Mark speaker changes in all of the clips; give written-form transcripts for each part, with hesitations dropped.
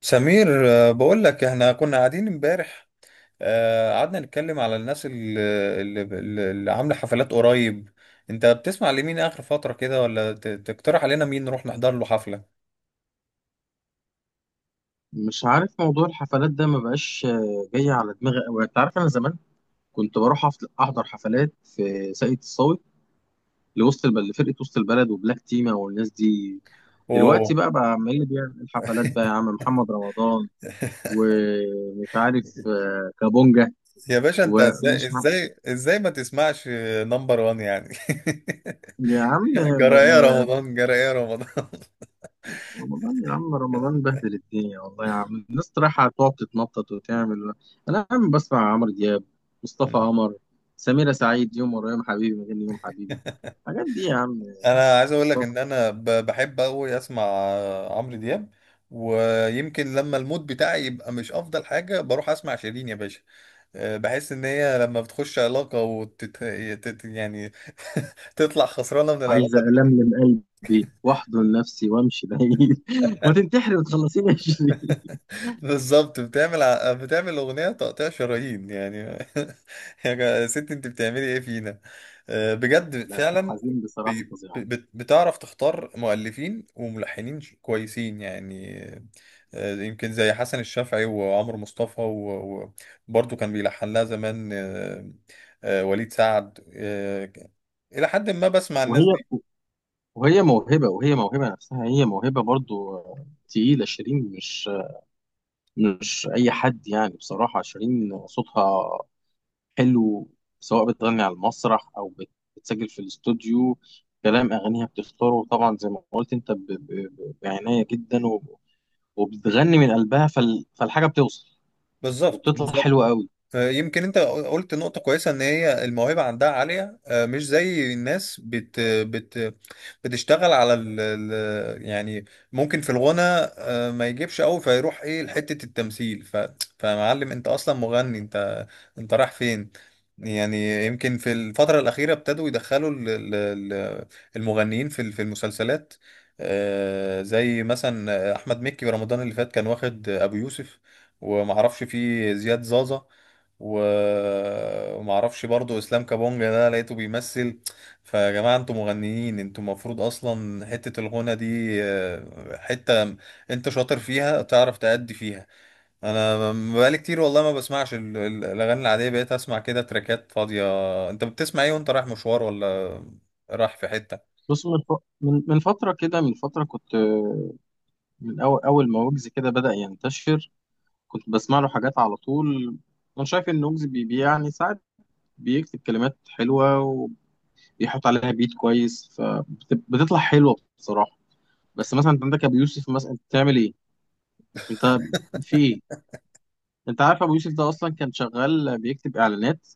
Speaker 1: سمير، بقول لك احنا كنا قاعدين امبارح. قعدنا نتكلم على الناس اللي, اللي عامله حفلات قريب. انت بتسمع لمين اخر فتره كده، ولا تقترح علينا مين نروح نحضر له حفله؟
Speaker 2: مش عارف موضوع الحفلات ده ما بقاش، جاي على دماغي قوي. انت عارف انا زمان كنت بروح احضر حفلات في ساقية الصاوي، لوسط البلد، لفرقة وسط البلد وبلاك تيما والناس دي. دلوقتي
Speaker 1: اوه.
Speaker 2: بقى عمال اللي بيعمل الحفلات بقى يا عم محمد رمضان، ومش عارف كابونجا.
Speaker 1: يا باشا، انت ازاي
Speaker 2: ومش عارف-
Speaker 1: ازاي ازاي ما تسمعش نمبر وان يعني؟
Speaker 2: يا عم،
Speaker 1: جرى ايه
Speaker 2: آه،
Speaker 1: رمضان؟ جرى ايه رمضان؟
Speaker 2: رمضان يا عم، رمضان بهدل الدنيا والله يا عم، الناس رايحة تقعد تتنطط وتعمل. أنا يا عم بسمع عمرو دياب، مصطفى قمر، سميرة سعيد. يوم ورا يوم حبيبي، مغني يوم حبيبي، الحاجات دي يا عم،
Speaker 1: انا عايز اقول لك
Speaker 2: مصطفى.
Speaker 1: ان انا بحب قوي اسمع عمرو دياب. ويمكن لما المود بتاعي يبقى مش افضل حاجه بروح اسمع شيرين يا باشا. بحس ان هي لما بتخش علاقة يعني تطلع خسرانة من
Speaker 2: عايزة
Speaker 1: العلاقة دي.
Speaker 2: ألملم قلبي وأحضن نفسي وأمشي بعيد وتنتحري وتخلصيني 20.
Speaker 1: بالظبط، بتعمل اغنية تقطيع شرايين يعني. يا ست، انت بتعملي ايه فينا؟ بجد
Speaker 2: لا، في
Speaker 1: فعلا.
Speaker 2: الحزين بصراحة فظيعة.
Speaker 1: بتعرف تختار مؤلفين وملحنين كويسين يعني. يمكن زي حسن الشافعي وعمرو مصطفى وبرضه كان بيلحن لها زمان. وليد سعد. إلى حد ما بسمع
Speaker 2: وهي
Speaker 1: الناس دي.
Speaker 2: وهي موهبة، وهي موهبة نفسها، هي موهبة برضو، تقيلة شيرين. مش أي حد يعني، بصراحة شيرين صوتها حلو، سواء بتغني على المسرح او بتسجل في الاستوديو. كلام اغانيها بتختاره طبعا زي ما قلت انت، بعنايه جدا، وبتغني من قلبها، فالحاجه بتوصل
Speaker 1: بالظبط.
Speaker 2: وبتطلع حلوه قوي.
Speaker 1: يمكن انت قلت نقطة كويسة، ان هي الموهبة عندها عالية. مش زي الناس بت بت بتشتغل على يعني، ممكن في الغنى ما يجيبش قوي فيروح ايه لحتة التمثيل. فمعلم، انت اصلا مغني. انت رايح فين؟ يعني يمكن في الفترة الأخيرة ابتدوا يدخلوا المغنيين في المسلسلات. زي مثلا أحمد مكي. رمضان اللي فات كان واخد أبو يوسف، ومعرفش فيه زياد زازا، و- وما اعرفش برضو اسلام كابونجا ده لقيته بيمثل. فيا جماعه، انتوا مغنيين، انتوا المفروض اصلا حته الغنى دي، حته انت شاطر فيها تعرف تأدي فيها. انا بقالي كتير والله ما بسمعش الاغاني العاديه، بقيت اسمع كده تراكات فاضيه. انت بتسمع ايه وانت رايح مشوار، ولا رايح في حته؟
Speaker 2: بص من فتره كده، من فتره كنت من اول اول ما ويجز كده بدأ ينتشر، كنت بسمع له حاجات على طول. انا شايف ان ويجز يعني ساعات بيكتب كلمات حلوه وبيحط عليها بيت كويس فبتطلع حلوه بصراحه. بس مثلا انت عندك ابو يوسف، مثلا انت بتعمل ايه، انت في ايه؟ انت عارف ابو يوسف ده اصلا كان شغال بيكتب اعلانات،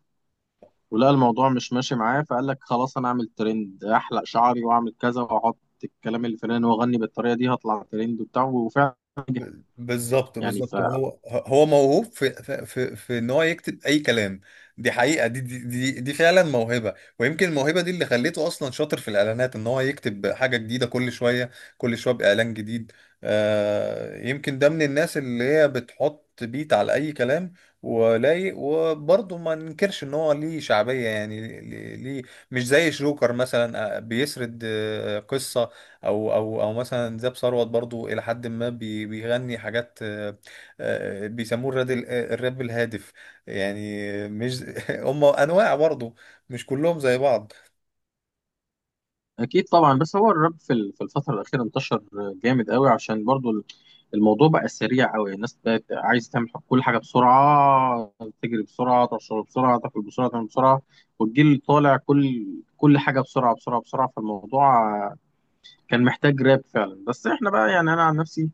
Speaker 2: ولقى الموضوع مش ماشي معاه فقال لك خلاص انا اعمل ترند، احلق شعري واعمل كذا واحط الكلام اللي في الأغاني واغني بالطريقه دي هطلع ترند وبتاع، وفعلا نجح.
Speaker 1: بالظبط
Speaker 2: يعني
Speaker 1: بالظبط، هو موهوب في ان هو يكتب اي كلام. دي حقيقه، دي فعلا موهبه. ويمكن الموهبه دي اللي خليته اصلا شاطر في الاعلانات، ان هو يكتب حاجه جديده كل شويه، كل شويه باعلان جديد. يمكن ده من الناس اللي هي بتحط بيت على اي كلام ولايق. وبرضه ما ننكرش ان هو ليه شعبيه، يعني ليه. مش زي شروكر مثلا، بيسرد قصه. او مثلا زاب ثروت، برضو الى حد ما بيغني حاجات، بيسموه الراب، الراب الهادف يعني. مش هم انواع برضو، مش كلهم زي بعض.
Speaker 2: اكيد طبعا، بس هو الراب في الفتره الاخيره انتشر جامد قوي، عشان برضو الموضوع بقى سريع قوي. الناس بقت عايز تعمل كل حاجه بسرعه، تجري بسرعه، تشرب بسرعه، تاكل بسرعه، تعمل بسرعه. والجيل طالع كل حاجه بسرعه بسرعه بسرعه، فالموضوع كان محتاج راب فعلا. بس احنا بقى، يعني انا عن نفسي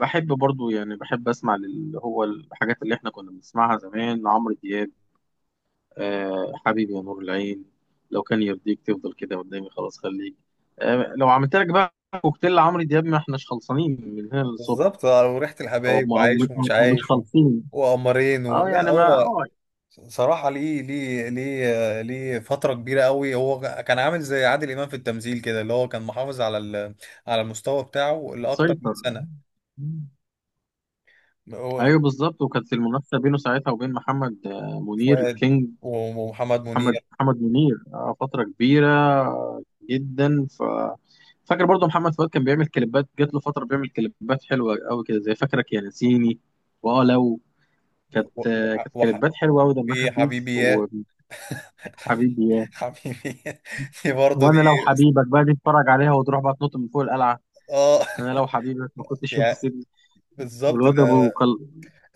Speaker 2: بحب برضو، يعني بحب اسمع اللي هو الحاجات اللي احنا كنا بنسمعها زمان، عمرو دياب. آه حبيبي يا نور العين، لو كان يرضيك تفضل كده قدامي خلاص خليك. آه لو عملت لك بقى كوكتيل عمرو دياب ما احناش خلصانين من هنا للصبح.
Speaker 1: بالظبط، وريحة
Speaker 2: هو
Speaker 1: الحبايب، وعايش ومش
Speaker 2: أو مش
Speaker 1: عايش، و-
Speaker 2: خالصين.
Speaker 1: وقمرين و...
Speaker 2: اه
Speaker 1: لا
Speaker 2: يعني ما
Speaker 1: هو
Speaker 2: اه.
Speaker 1: صراحة. ليه، ليه فترة كبيرة قوي هو كان عامل زي عادل إمام في التمثيل كده، اللي هو كان محافظ على المستوى بتاعه لأكتر من
Speaker 2: مسيطر.
Speaker 1: سنة.
Speaker 2: مم.
Speaker 1: هو
Speaker 2: ايوه بالظبط، وكانت المنافسه بينه ساعتها وبين محمد منير
Speaker 1: فؤاد
Speaker 2: كينج.
Speaker 1: ومحمد
Speaker 2: محمد
Speaker 1: منير.
Speaker 2: محمد منير فتره كبيره جدا. فاكر برضو محمد فؤاد كان بيعمل كليبات، جات له فتره بيعمل كليبات حلوه قوي كده، زي فاكرك يا نسيني. واه لو كانت
Speaker 1: وح...
Speaker 2: كانت
Speaker 1: وح...
Speaker 2: كليبات حلوه قوي، دمها
Speaker 1: في حبيبي
Speaker 2: خفيف،
Speaker 1: يا
Speaker 2: وحبيبي
Speaker 1: حبيبي،
Speaker 2: يا،
Speaker 1: حبيبي دي برضه دي.
Speaker 2: وانا لو حبيبك بقى دي اتفرج عليها وتروح بقى تنط من فوق القلعه.
Speaker 1: اه
Speaker 2: انا لو حبيبك ما كنتش يوم
Speaker 1: يعني،
Speaker 2: تسيبني.
Speaker 1: بالظبط
Speaker 2: والواد ابو
Speaker 1: ده.
Speaker 2: كل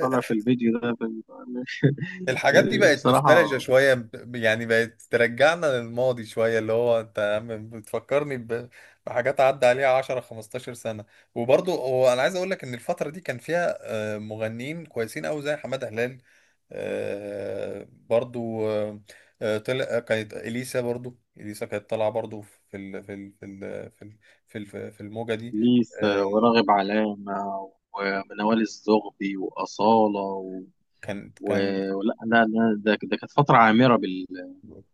Speaker 2: طلع في الفيديو ده
Speaker 1: الحاجات دي
Speaker 2: يعني
Speaker 1: بقت نوستالجيا
Speaker 2: بصراحه،
Speaker 1: شوية، يعني بقت ترجعنا للماضي شوية، اللي هو انت يا عم بتفكرني بحاجات عدى عليها 10 15 سنة. وبرضه هو انا عايز اقول لك ان الفترة دي كان فيها مغنيين كويسين قوي زي حمادة هلال، برضو. طلع كانت اليسا، برضو اليسا كانت طالعه برضو في ال في ال في ال في ال في ال- في الموجه دي.
Speaker 2: ليس
Speaker 1: آه،
Speaker 2: وراغب علامه ومنوال الزغبي واصاله
Speaker 1: كان
Speaker 2: ولا لا لا، ده كانت فتره عامره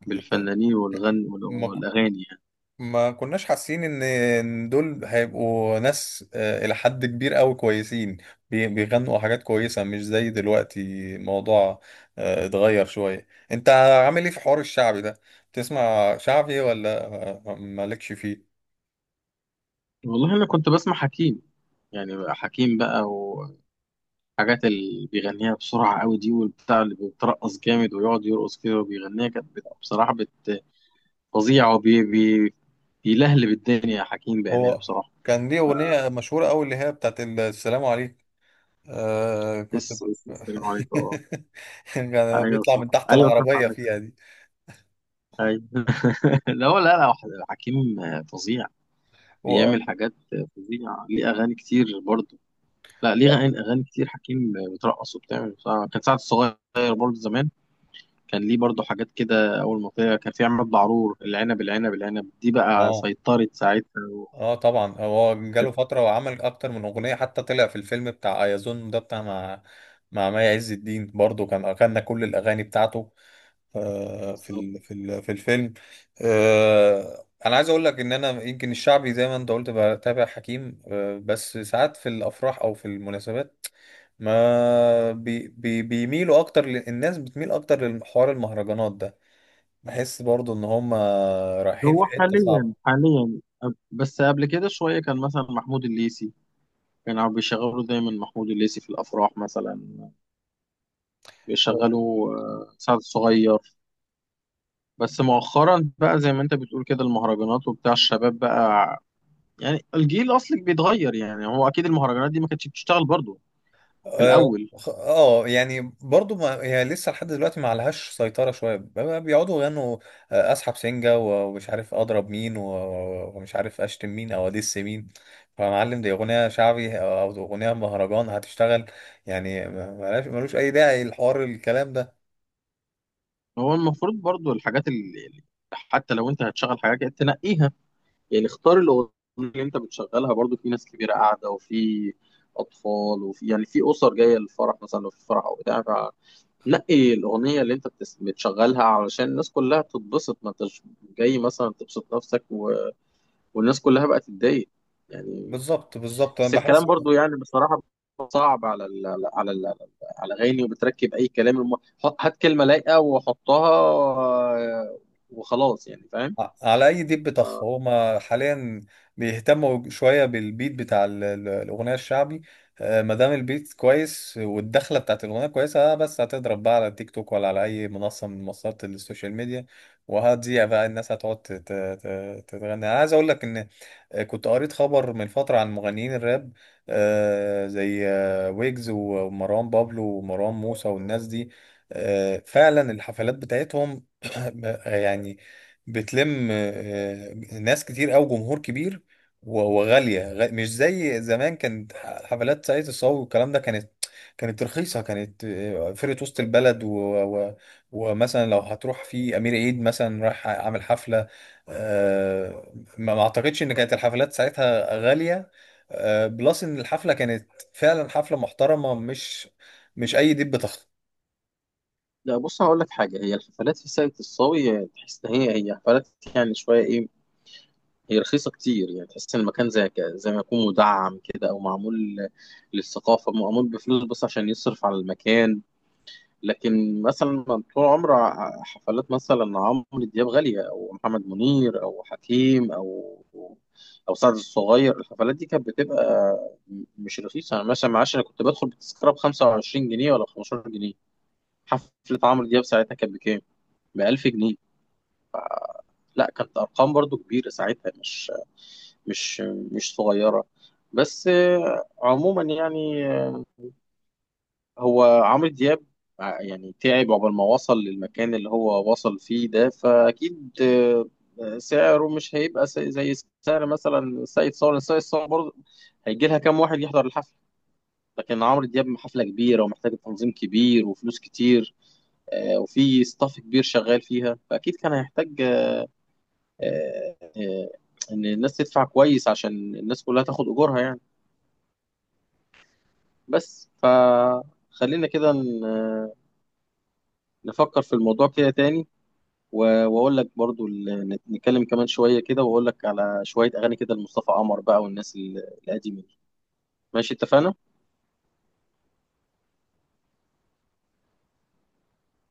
Speaker 2: بالفنانين والغن
Speaker 1: ما ك-
Speaker 2: والاغاني يعني.
Speaker 1: ما كناش حاسين إن دول هيبقوا ناس الى حد كبير قوي كويسين، بيغنوا حاجات كويسه، مش زي دلوقتي. الموضوع اتغير شويه. انت عامل ايه في حوار الشعبي ده؟ تسمع شعبي، ولا مالكش فيه؟
Speaker 2: والله انا كنت بسمع حكيم، يعني بقى حكيم بقى، الحاجات اللي بيغنيها بسرعة قوي دي، والبتاع اللي بيترقص جامد ويقعد يرقص كده وبيغنيها كانت بصراحة فظيعة، وبي بي بيلهلب الدنيا يا حكيم، بأمانة
Speaker 1: هو
Speaker 2: بصراحة.
Speaker 1: كان ليه أغنية مشهورة أوي، اللي هي بتاعت السلام عليكم. آه كنت
Speaker 2: بس
Speaker 1: ب...
Speaker 2: بس السلام عليكم اه.
Speaker 1: كان
Speaker 2: ايوه
Speaker 1: بيطلع
Speaker 2: صح،
Speaker 1: من تحت
Speaker 2: ايوه صح،
Speaker 1: العربية
Speaker 2: عندك حق.
Speaker 1: فيها دي
Speaker 2: ايوه لا هو، لا لا، حكيم فظيع،
Speaker 1: و...
Speaker 2: بيعمل حاجات فظيعة، ليه أغاني كتير برضه. لا، ليه
Speaker 1: اه
Speaker 2: أغاني كتير، حكيم بترقص وبتعمل بصراحة. كان سعد الصغير برضه زمان كان ليه برضو حاجات كده، اول ما طلع كان في عماد بعرور، العنب العنب العنب دي بقى
Speaker 1: اه.
Speaker 2: سيطرت ساعتها وكانت
Speaker 1: طبعا هو جاله فترة وعمل أكتر من أغنية، حتى طلع في الفيلم بتاع أيازون ده بتاع مع مي عز الدين، برضه كان أغنى كل الأغاني بتاعته. في ال-
Speaker 2: بالظبط.
Speaker 1: في ال- في الفيلم. انا عايز اقول لك ان انا يمكن الشعبي، زي ما انت قلت، بتابع حكيم، بس ساعات في الافراح او في المناسبات ما بي بي بيميلوا اكتر ل- الناس بتميل اكتر لحوار المهرجانات ده. بحس برضو ان هم رايحين في
Speaker 2: هو
Speaker 1: حتة صعبة.
Speaker 2: حاليا حاليا بس قبل كده شوية كان مثلا محمود الليثي، كانوا بيشغلوا دايما محمود الليثي في الأفراح مثلا، بيشغلوا سعد الصغير. بس مؤخرا بقى زي ما انت بتقول كده، المهرجانات وبتاع الشباب بقى، يعني الجيل أصلك بيتغير. يعني هو أكيد المهرجانات دي ما كانتش بتشتغل برضو في
Speaker 1: اه،
Speaker 2: الأول.
Speaker 1: يعني برضو، ما هي لسه لحد دلوقتي ما عليهاش سيطرة شوية، بقى بيقعدوا يغنوا اسحب سنجة، و- ومش عارف اضرب مين، و- و- ومش عارف اشتم مين او ادس مين. فمعلم دي اغنية شعبي او اغنية مهرجان، هتشتغل يعني، ملوش اي داعي الحوار الكلام ده.
Speaker 2: هو المفروض برضو الحاجات حتى لو انت هتشغل حاجه كده تنقيها، يعني اختار الاغنيه اللي انت بتشغلها، برضو في ناس كبيره قاعده وفي اطفال، وفي يعني في اسر جايه للفرح مثلا، لو في فرح او بتاع، فنقي الاغنيه اللي انت بتشغلها علشان الناس كلها تتبسط. ما انتش جاي مثلا تبسط نفسك والناس كلها بقى تتضايق يعني.
Speaker 1: بالظبط بالظبط، انا
Speaker 2: بس
Speaker 1: بحس
Speaker 2: الكلام برضو يعني بصراحة صعب على على الاغاني، وبتركب اي كلام هات كلمة لايقة وحطها، آه، وخلاص يعني فاهم.
Speaker 1: على اي ديب بطخ. هما حاليا بيهتموا شويه بالبيت بتاع الاغنيه الشعبي. ما دام البيت كويس والدخله بتاعت الاغنيه كويسه، بس هتضرب بقى على تيك توك، ولا على اي منصه من منصات السوشيال ميديا، وهتذيع بقى. الناس هتقعد تتغني. انا عايز اقول لك ان كنت قريت خبر من فتره عن مغنيين الراب، زي ويجز ومروان بابلو ومروان موسى والناس دي. فعلا الحفلات بتاعتهم يعني بتلم ناس كتير أوي، جمهور كبير، و- وغالية. مش زي زمان، كانت حفلات سعيد الصاوي والكلام ده كانت، كانت رخيصة، كانت فرقة وسط البلد و... ومثلا لو هتروح في أمير عيد مثلا، رايح عامل حفلة، آه، ما أعتقدش إن كانت الحفلات ساعتها غالية. بلس إن الحفلة كانت فعلا حفلة محترمة، مش أي دب.
Speaker 2: لا بص، هقول لك حاجة، هي الحفلات في ساقية الصاوي تحس ان هي حفلات، يعني شوية ايه؟ هي رخيصة كتير يعني، تحس ان المكان زي ما يكون مدعم كده او معمول للثقافة، معمول بفلوس بس عشان يصرف على المكان. لكن مثلا طول عمر حفلات مثلا عمرو دياب غالية، أو محمد منير أو حكيم أو سعد الصغير. الحفلات دي كانت بتبقى مش رخيصة. أنا مثلا معاش، أنا كنت بدخل بتذكرة بـ25 جنيه ولا بخمستاشر جنيه. حفلة عمرو دياب ساعتها كانت بكام؟ بـ1000 جنيه. لا، كانت أرقام برضو كبيرة ساعتها، مش مش صغيرة. بس عموما يعني، هو عمرو دياب يعني تعب عقبال ما وصل للمكان اللي هو وصل فيه ده، فأكيد سعره مش هيبقى زي سعر مثلا سيد صالح. سيد صالح برضه هيجي لها كام واحد يحضر الحفلة. لكن عمرو دياب حفلة كبيرة ومحتاجة تنظيم كبير وفلوس كتير، وفي ستاف كبير شغال فيها، فأكيد كان هيحتاج آه، إن الناس تدفع كويس عشان الناس كلها تاخد أجورها يعني. بس فخلينا كده نفكر في الموضوع كده تاني، واقول لك برضو، نتكلم كمان شويه كده، واقول لك على شويه اغاني كده لمصطفى قمر بقى، والناس القديمه دي. ماشي، اتفقنا.